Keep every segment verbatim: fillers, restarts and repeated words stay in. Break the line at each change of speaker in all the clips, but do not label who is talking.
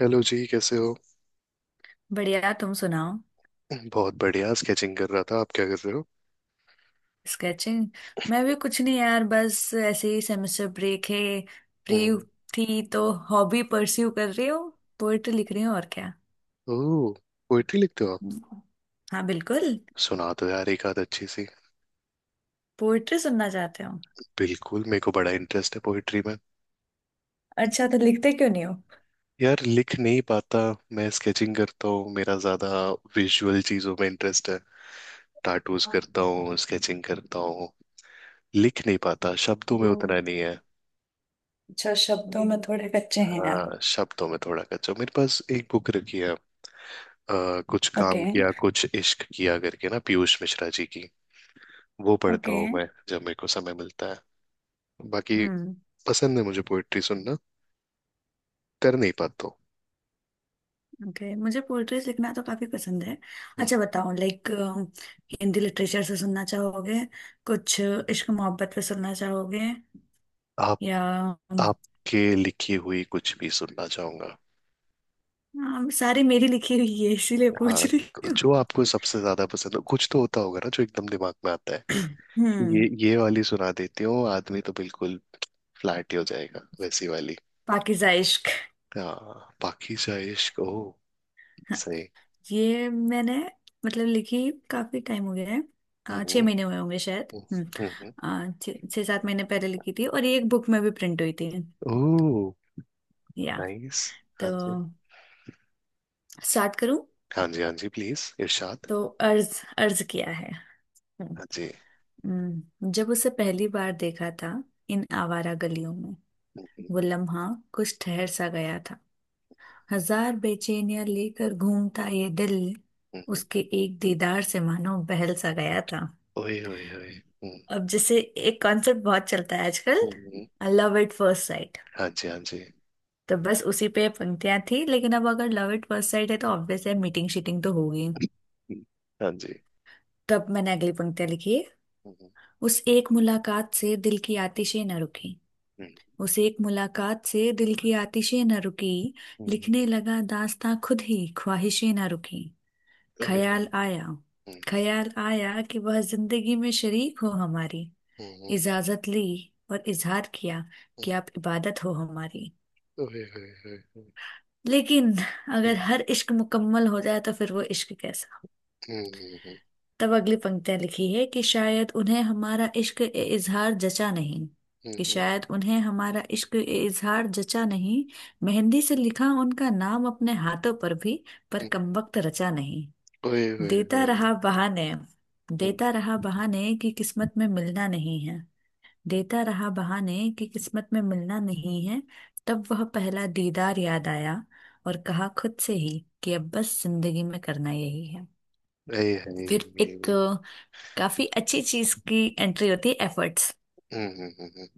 Hello जी, कैसे हो?
बढ़िया, तुम सुनाओ।
बहुत बढ़िया, स्केचिंग कर रहा था। आप क्या कर रहे हो?
स्केचिंग। मैं भी कुछ नहीं यार, बस ऐसे ही। सेमेस्टर ब्रेक है, फ्री
हम्म।
थी तो हॉबी परस्यू कर रही हूँ। पोएट्री लिख रही हूँ और क्या।
ओह, पोइट्री लिखते हो आप?
हम्म। हाँ बिल्कुल।
सुना दो यार एक आध अच्छी सी।
पोएट्री सुनना चाहते हो?
बिल्कुल, मेरे को बड़ा इंटरेस्ट है पोइट्री में।
अच्छा, तो लिखते क्यों नहीं हो?
यार, लिख नहीं पाता। मैं स्केचिंग करता हूँ, मेरा ज्यादा विजुअल चीजों में इंटरेस्ट है। टाटूज करता हूँ, स्केचिंग करता हूँ। लिख नहीं पाता, शब्दों में उतना नहीं है।
अच्छा, शब्दों में थोड़े कच्चे हैं आप।
हाँ, शब्दों में थोड़ा कच्चा हूँ। मेरे पास एक बुक रखी है, अ, कुछ
ओके।
काम किया कुछ इश्क किया करके ना, पीयूष मिश्रा जी की। वो पढ़ता
ओके।
हूँ मैं, जब मेरे को समय मिलता है। बाकी
हम्म।
पसंद है मुझे पोइट्री सुनना, कर नहीं पाता हूँ।
ओके, मुझे पोएट्रीज लिखना तो काफी पसंद है।
हम्म।
अच्छा बताओ, लाइक हिंदी लिटरेचर से सुनना चाहोगे? कुछ इश्क मोहब्बत पे सुनना चाहोगे?
आप,
या?
आपके लिखी हुई कुछ भी सुनना चाहूंगा।
हाँ, सारी मेरी लिखी हुई है इसीलिए पूछ
हाँ,
रही हूँ।
जो आपको सबसे ज्यादा पसंद हो, कुछ तो होता होगा ना जो एकदम दिमाग में आता है कि
हम्म।
ये ये वाली सुना देती हूँ, आदमी तो बिल्कुल फ्लैट ही हो जाएगा, वैसी वाली।
पाकिज़ा इश्क।
हाँ, बाकी जाए इश्क ओ।
हाँ,
सही।
ये मैंने, मतलब लिखी काफी टाइम हो गया है। अ, छह
हम्म।
महीने हुए होंगे शायद। हम्म।
हम्म।
अ, छह छह सात महीने पहले लिखी थी और ये एक बुक में भी प्रिंट हुई थी।
ओ,
या
नाइस। हाँ
तो
जी।
स्टार्ट करूँ?
हाँ जी, हाँ जी, प्लीज इरशाद।
तो अर्ज अर्ज किया है। हम्म।
हाँ जी।
हम्म, जब उसे पहली बार देखा था, इन आवारा गलियों में,
हम्म,
वो लम्हा कुछ ठहर सा गया था। हजार बेचैनियां लेकर घूमता ये दिल
हम्म, हम्म।
उसके एक दीदार से मानो बहल सा गया था।
ओए ओए ओए, हम्म।
अब जैसे एक कॉन्सेप्ट बहुत चलता है आजकल,
हम्म, हम्म।
Love at first sight.
हाँ जी, हाँ जी।
तो बस उसी पे पंक्तियां थी, लेकिन अब अगर लव एट फर्स्ट साइट है तो ऑब्वियस है मीटिंग शीटिंग तो होगी।
हम्म, हाँ जी।
तब मैंने अगली पंक्तियां लिखी है।
हम्म
उस एक मुलाकात से दिल की आतिशें न रुकी।
हम्म,
उस एक मुलाकात से दिल की आतिशें न रुकी।
हम्म। हम्म।
लिखने लगा दास्तां खुद ही, ख्वाहिशें न रुकी।
ओए
ख्याल
ओए।
आया।
हम्म
ख्याल आया कि वह जिंदगी में शरीक हो हमारी।
हम्म, हम्म,
इजाजत ली और इजहार किया
हम्म।
कि आप इबादत हो हमारी।
ओए ओए ओए।
लेकिन अगर
हम्म
हर इश्क मुकम्मल हो जाए तो फिर वो इश्क कैसा।
हम्म हम्म,
तब अगली पंक्तियां लिखी है कि शायद उन्हें हमारा इश्क ए इजहार जचा नहीं। कि
हम्म,
शायद उन्हें हमारा इश्क ए इजहार जचा नहीं। मेहंदी से लिखा उनका नाम अपने हाथों पर भी, पर
हम्म।
कमबख्त रचा नहीं।
ओए ओए
देता
ओए।
रहा बहाने।
हम्म।
देता रहा बहाने कि किस्मत में मिलना नहीं है। देता रहा बहाने कि किस्मत में मिलना नहीं है। तब वह पहला दीदार याद आया, और कहा खुद से ही कि अब बस जिंदगी में करना यही है।
ऐ है।
फिर एक अ, काफी अच्छी चीज की एंट्री होती है, एफर्ट्स।
हम्म हम्म, हम्म, हम्म।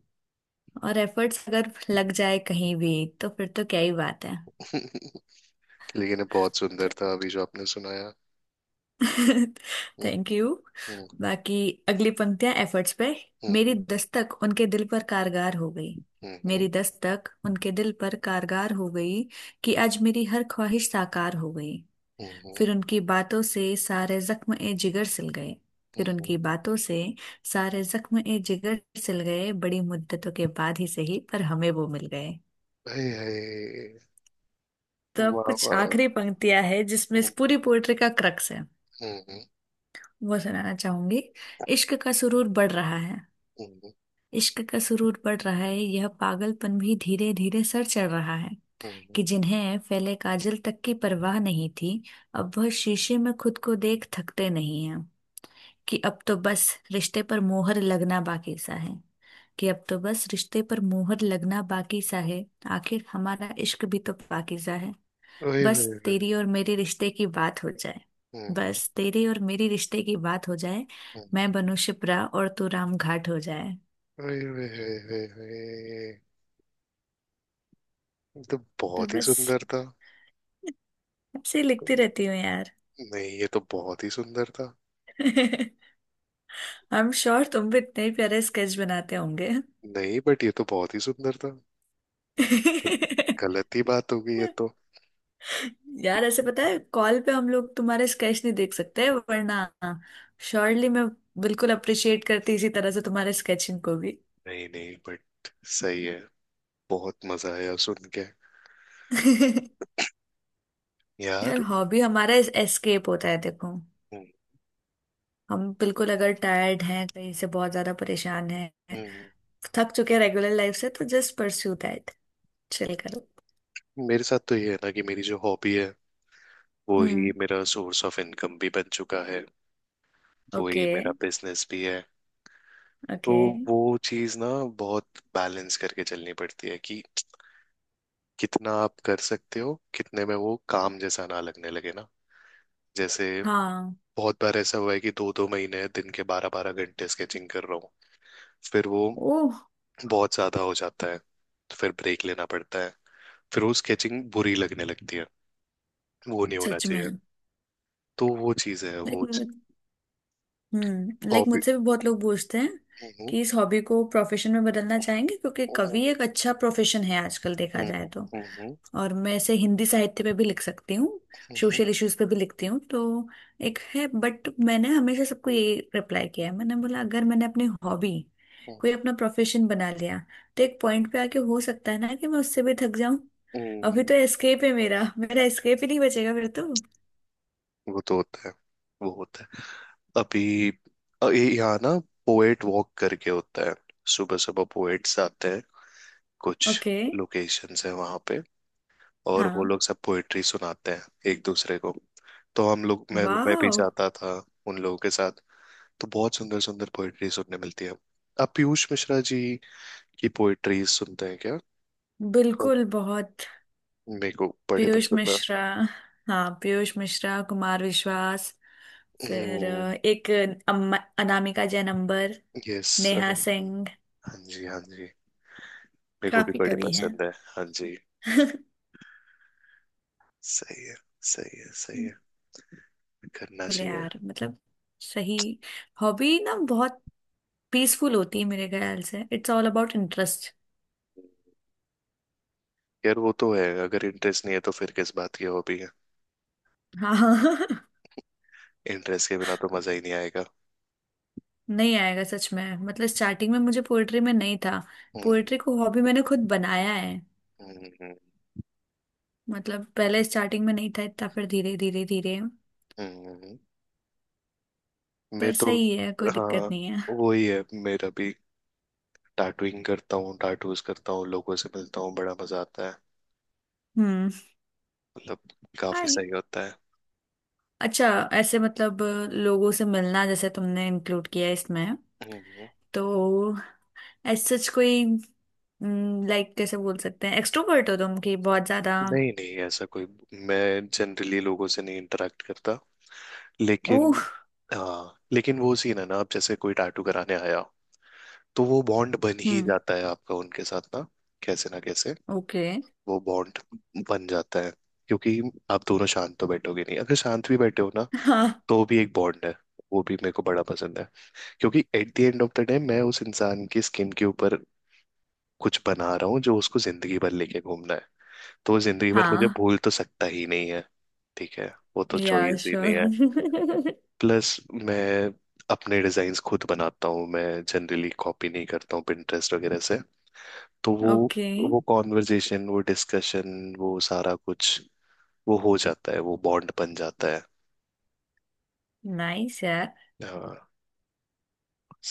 और एफर्ट्स अगर लग जाए कहीं भी तो फिर तो क्या ही बात है।
लेकिन ये बहुत
तो
सुंदर था, अभी जो आपने सुनाया। हम्म।
Thank you.
हम्म।
बाकी अगली पंक्तियां एफर्ट्स पे। मेरी
हम्म।
दस्तक उनके दिल पर कारगर हो गई।
हम्म।
मेरी दस्तक उनके दिल पर कारगर हो गई कि आज मेरी हर ख्वाहिश साकार हो गई।
हम्म।
फिर उनकी बातों से सारे जख्म ए जिगर सिल गए। फिर
हम्म,
उनकी बातों से सारे जख्म ए जिगर सिल गए, बड़ी मुद्दतों के बाद ही सही पर हमें वो मिल गए।
ऐ है।
तो अब
वाह
कुछ
वाह।
आखिरी पंक्तियां है जिसमें इस
हम्म।
पूरी पोएट्री का क्रक्स है,
हम्म हम्म।
वो सुनाना चाहूंगी। इश्क का सुरूर बढ़ रहा है।
हम्म,
इश्क का सुरूर बढ़ रहा है, यह पागलपन भी धीरे धीरे सर चढ़ रहा है।
हम्म।
कि जिन्हें फैले काजल तक की परवाह नहीं थी, अब वह शीशे में खुद को देख थकते नहीं हैं। कि अब तो बस रिश्ते पर मोहर लगना बाकी सा है। कि अब तो बस रिश्ते पर मोहर लगना बाकी सा है। आखिर हमारा इश्क भी तो बाकी सा है।
ओए
बस
ओए ओए।
तेरी और मेरे रिश्ते की बात हो जाए।
हम्म।
बस तेरे और मेरी रिश्ते की बात हो जाए।
हम्म।
मैं बनूं शिप्रा और तू राम घाट हो जाए।
ओए ओए ओए ओए ओए। ये तो
तो
बहुत ही
बस,
सुंदर था।
ऐसे ही लिखती रहती हूँ यार।
नहीं, ये तो बहुत ही सुंदर था।
आई एम श्योर तुम भी इतने ही प्यारे स्केच बनाते होंगे।
नहीं, बट ये तो बहुत ही सुंदर था, तो गलत ही बात हो गई ये तो।
यार, ऐसे पता है कॉल पे हम लोग तुम्हारे स्केच नहीं देख सकते, वरना श्योरली मैं बिल्कुल अप्रिशिएट करती इसी तरह से तुम्हारे स्केचिंग को भी।
नहीं नहीं, बट सही है, बहुत मजा आया सुन के
यार,
यार।
हॉबी हमारा एस्केप होता है देखो।
हम्म,
हम बिल्कुल अगर टायर्ड हैं, कहीं से बहुत ज्यादा परेशान हैं,
हम्म,
थक चुके हैं रेगुलर लाइफ से, तो जस्ट परस्यू दैट, चिल
हम्म।
करो।
मेरे साथ तो ये है ना कि मेरी जो हॉबी है, वो ही
हम्म।
मेरा सोर्स ऑफ इनकम भी बन चुका है, वो ही
ओके।
मेरा बिजनेस भी है। तो
ओके।
वो चीज ना बहुत बैलेंस करके चलनी पड़ती है कि कितना आप कर सकते हो, कितने में वो काम जैसा ना लगने लगे ना, जैसे।
हाँ।
बहुत बार ऐसा हुआ है कि दो दो महीने दिन के बारह बारह घंटे स्केचिंग कर रहा हूँ, फिर वो
ओह।
बहुत ज्यादा हो जाता है, तो फिर ब्रेक लेना पड़ता है, फिर वो स्केचिंग बुरी लगने लगती है। वो नहीं होना
सच
चाहिए।
में।
तो वो चीज है वो,
लाइक हम्म, लाइक
हॉबी।
मुझसे भी बहुत लोग पूछते हैं
हम्म
कि इस हॉबी को प्रोफेशन में बदलना चाहेंगे क्योंकि
हम्म
कवि एक अच्छा प्रोफेशन है आजकल देखा
हम्म
जाए
हम्म।
तो।
हम्म,
और मैं ऐसे हिंदी साहित्य पे भी लिख सकती हूँ,
हम्म, हम्म,
सोशल इश्यूज पे भी लिखती हूँ, तो एक है। बट मैंने हमेशा सबको ये रिप्लाई किया है, मैंने बोला अगर मैंने अपनी हॉबी कोई अपना प्रोफेशन बना लिया तो एक पॉइंट पे आके हो सकता है ना कि मैं उससे भी थक जाऊं।
हम्म,
अभी तो
हम्म।
एस्केप है मेरा मेरा एस्केप ही नहीं बचेगा फिर तो।
वो तो होता है, वो होता है अभी। अ, ये यहाँ ना पोएट वॉक करके होता है, सुबह सुबह पोएट्स आते हैं। कुछ
ओके।
लोकेशंस हैं वहां पे, और वो
हाँ।
लोग सब पोएट्री सुनाते हैं एक दूसरे को। तो हम लोग, मैं मैं भी
वाह।
जाता था उन लोगों के साथ। तो बहुत सुंदर सुंदर पोएट्री सुनने मिलती है। आप पीयूष मिश्रा जी की पोएट्री सुनते हैं क्या? पर
बिल्कुल बहुत।
मेरे को बड़े
पीयूष
पसंद है।
मिश्रा। हाँ, पीयूष मिश्रा, कुमार विश्वास, फिर अ, एक अम्मा, अनामिका जैन अंबर,
यस।
नेहा
हाँ
सिंह।
जी, हाँ जी। मेरे को भी
काफी
बड़ी
कवि हैं।
पसंद है। हाँ जी। सही है, सही है, सही है। करना
बोले
चाहिए।
यार, मतलब सही। हॉबी ना बहुत पीसफुल होती है मेरे ख्याल से, इट्स ऑल अबाउट इंटरेस्ट।
यार वो तो है, अगर इंटरेस्ट नहीं है तो फिर किस बात की हॉबी है।
हाँ।
इंटरेस्ट के बिना तो मजा ही नहीं आएगा।
नहीं आएगा सच में। मतलब स्टार्टिंग में मुझे पोएट्री में नहीं था।
हम्म।
पोएट्री को हॉबी मैंने खुद बनाया है।
हम्म। हम्म।
मतलब पहले स्टार्टिंग में नहीं था इतना, फिर धीरे धीरे धीरे।
हम्म। हम्म। मैं
पर
तो,
सही है, कोई दिक्कत
हाँ,
नहीं है।
वही है मेरा भी। टैटूइंग करता हूँ, टाटूज करता हूँ, लोगों से मिलता हूँ, बड़ा मजा आता है।
हम्म।
मतलब काफी
हाय।
सही होता है।
अच्छा। ऐसे मतलब लोगों से मिलना जैसे तुमने इंक्लूड किया है इसमें,
हम्म, हम्म।
तो एज सच कोई, लाइक कैसे बोल सकते हैं एक्सट्रोवर्ट हो तुम कि बहुत ज्यादा?
नहीं नहीं, ऐसा कोई, मैं जनरली लोगों से नहीं इंटरेक्ट करता, लेकिन
ओह।
हाँ, लेकिन वो सीन है ना, अब जैसे कोई टैटू कराने आया तो वो बॉन्ड बन ही
हम्म।
जाता है आपका उनके साथ ना। कैसे ना कैसे
ओके।
वो बॉन्ड बन जाता है। क्योंकि आप दोनों शांत तो बैठोगे नहीं, अगर शांत भी बैठे हो ना
हाँ।
तो भी एक बॉन्ड है। वो भी मेरे को बड़ा पसंद है। क्योंकि at the end of the day, मैं उस इंसान की स्किन के ऊपर कुछ बना रहा हूँ जो उसको जिंदगी भर लेके घूमना है। तो वो जिंदगी भर मुझे
हाँ।
भूल तो सकता ही नहीं है। ठीक है, वो तो
या,
चॉइस ही
श्योर।
नहीं है। प्लस मैं अपने डिजाइन्स खुद बनाता हूँ मैं, जनरली कॉपी नहीं करता हूँ Pinterest वगैरह से। तो वो
ओके।
वो कॉन्वर्जेशन, वो डिस्कशन, वो सारा कुछ, वो हो जाता है, वो बॉन्ड बन जाता है।
नाइस। यार,
हाँ,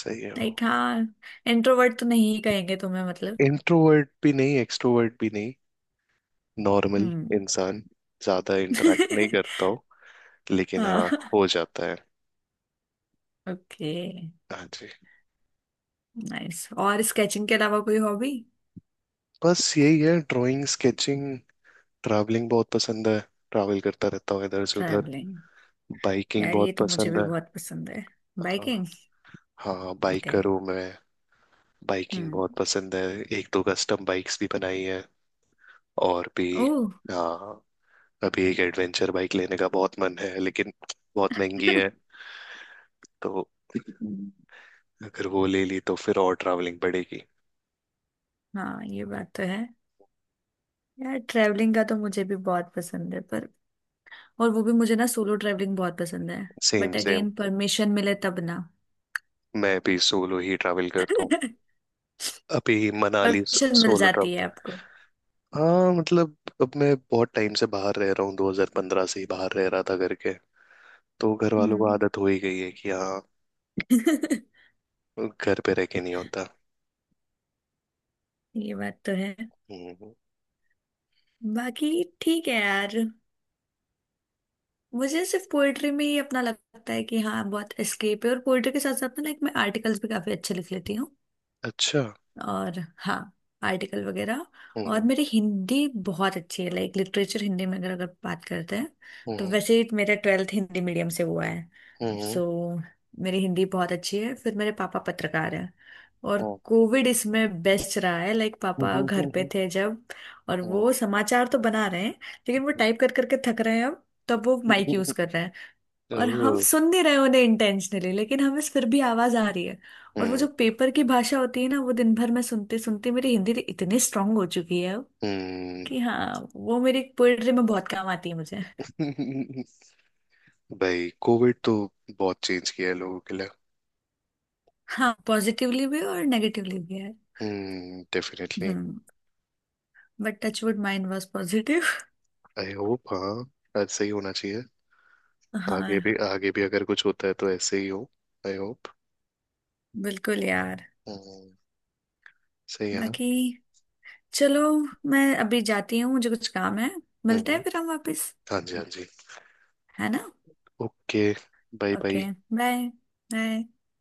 सही है वो।
लाइक हाँ, इंट्रोवर्ट तो नहीं ही कहेंगे तुम्हें मतलब।
इंट्रोवर्ट भी नहीं, एक्सट्रोवर्ट भी नहीं, नॉर्मल
हम्म।
इंसान, ज्यादा इंटरेक्ट नहीं करता हूँ। लेकिन
हाँ।
हाँ, हो जाता है।
ओके।
हाँ जी।
नाइस, और स्केचिंग के अलावा कोई हॉबी?
बस यही है, ड्राइंग, स्केचिंग। ट्रैवलिंग बहुत पसंद है, ट्रैवल करता रहता हूँ इधर से उधर।
ट्रैवलिंग?
बाइकिंग
यार ये
बहुत
तो मुझे
पसंद
भी
है।
बहुत पसंद है।
हाँ,
बाइकिंग।
हाँ
ओके।
बाइकर हूँ मैं। बाइकिंग
हम्म।
बहुत पसंद है। एक दो कस्टम बाइक्स भी बनाई है, और भी।
ओह।
आ, अभी एक एडवेंचर बाइक लेने का बहुत मन है, लेकिन बहुत महंगी है। तो अगर वो ले ली तो फिर और ट्रैवलिंग पड़ेगी।
हाँ, ये बात तो है। यार ट्रैवलिंग का तो मुझे भी बहुत पसंद है, पर, और वो भी मुझे ना सोलो ट्रैवलिंग बहुत पसंद है।
Same
but
same.
Again, permission मिले तब ना।
मैं भी सोलो ही ट्रैवल करता हूँ। अभी मनाली सो,
परमिशन मिल
सोलो
जाती है
ट्रैवल।
आपको?
हाँ मतलब, अब मैं बहुत टाइम से बाहर रह रहा हूँ, दो हज़ार पंद्रह से ही बाहर रह रहा था करके। तो घर वालों को
हम्म।
आदत हो ही गई है कि हाँ, घर पे रह के नहीं होता।
ये बात तो है।
हम्म।
बाकी ठीक है यार। मुझे सिर्फ पोएट्री में ही अपना लगता है कि हाँ बहुत एस्केप है। और पोएट्री के साथ साथ ना, लाइक मैं आर्टिकल्स भी काफी अच्छे लिख लेती हूँ।
अच्छा।
और हाँ, आर्टिकल वगैरह। और
हम्म।
मेरी हिंदी बहुत अच्छी है, लाइक लिटरेचर हिंदी में अगर अगर बात करते हैं तो।
हम्म।
वैसे ही मेरा ट्वेल्थ हिंदी मीडियम से हुआ है,
हम्म।
सो मेरी हिंदी बहुत अच्छी है। फिर मेरे पापा पत्रकार हैं, और
हम्म।
कोविड इसमें बेस्ट रहा है, लाइक
हम्म।
पापा
हम्म,
घर पे
हम्म,
थे जब। और
हम्म,
वो समाचार तो बना रहे हैं, लेकिन वो
हम्म,
टाइप कर करके थक रहे हैं, अब तो अब वो
हम्म,
माइक यूज
हम्म,
कर रहे हैं। और हम
ओह।
सुन नहीं रहे उन्हें इंटेंशनली, लेकिन हमें फिर भी आवाज आ रही है। और वो
हम्म।
जो पेपर की भाषा होती है ना, वो दिन भर में सुनते सुनते मेरी हिंदी तो इतनी स्ट्रांग हो चुकी है
हम्म।
कि हाँ वो मेरी पोएट्री में बहुत काम आती है मुझे।
भाई, कोविड तो बहुत चेंज किया है लोगों के लिए।
हाँ, पॉजिटिवली भी और नेगेटिवली भी है।
हम्म, definitely.
Hmm. But touchwood mind was positive.
I hope, हाँ ऐसे ही होना चाहिए आगे भी।
हाँ,
आगे भी अगर कुछ होता है तो ऐसे ही हो। I hope.
बिल्कुल यार।
हम्म। सही है ना।
बाकी चलो, मैं अभी जाती हूँ, मुझे कुछ काम है। मिलते हैं
हम्म।
फिर हम वापस,
हाँ जी, हाँ जी।
है ना?
Okay. Bye
okay.
Bye.
Bye bye.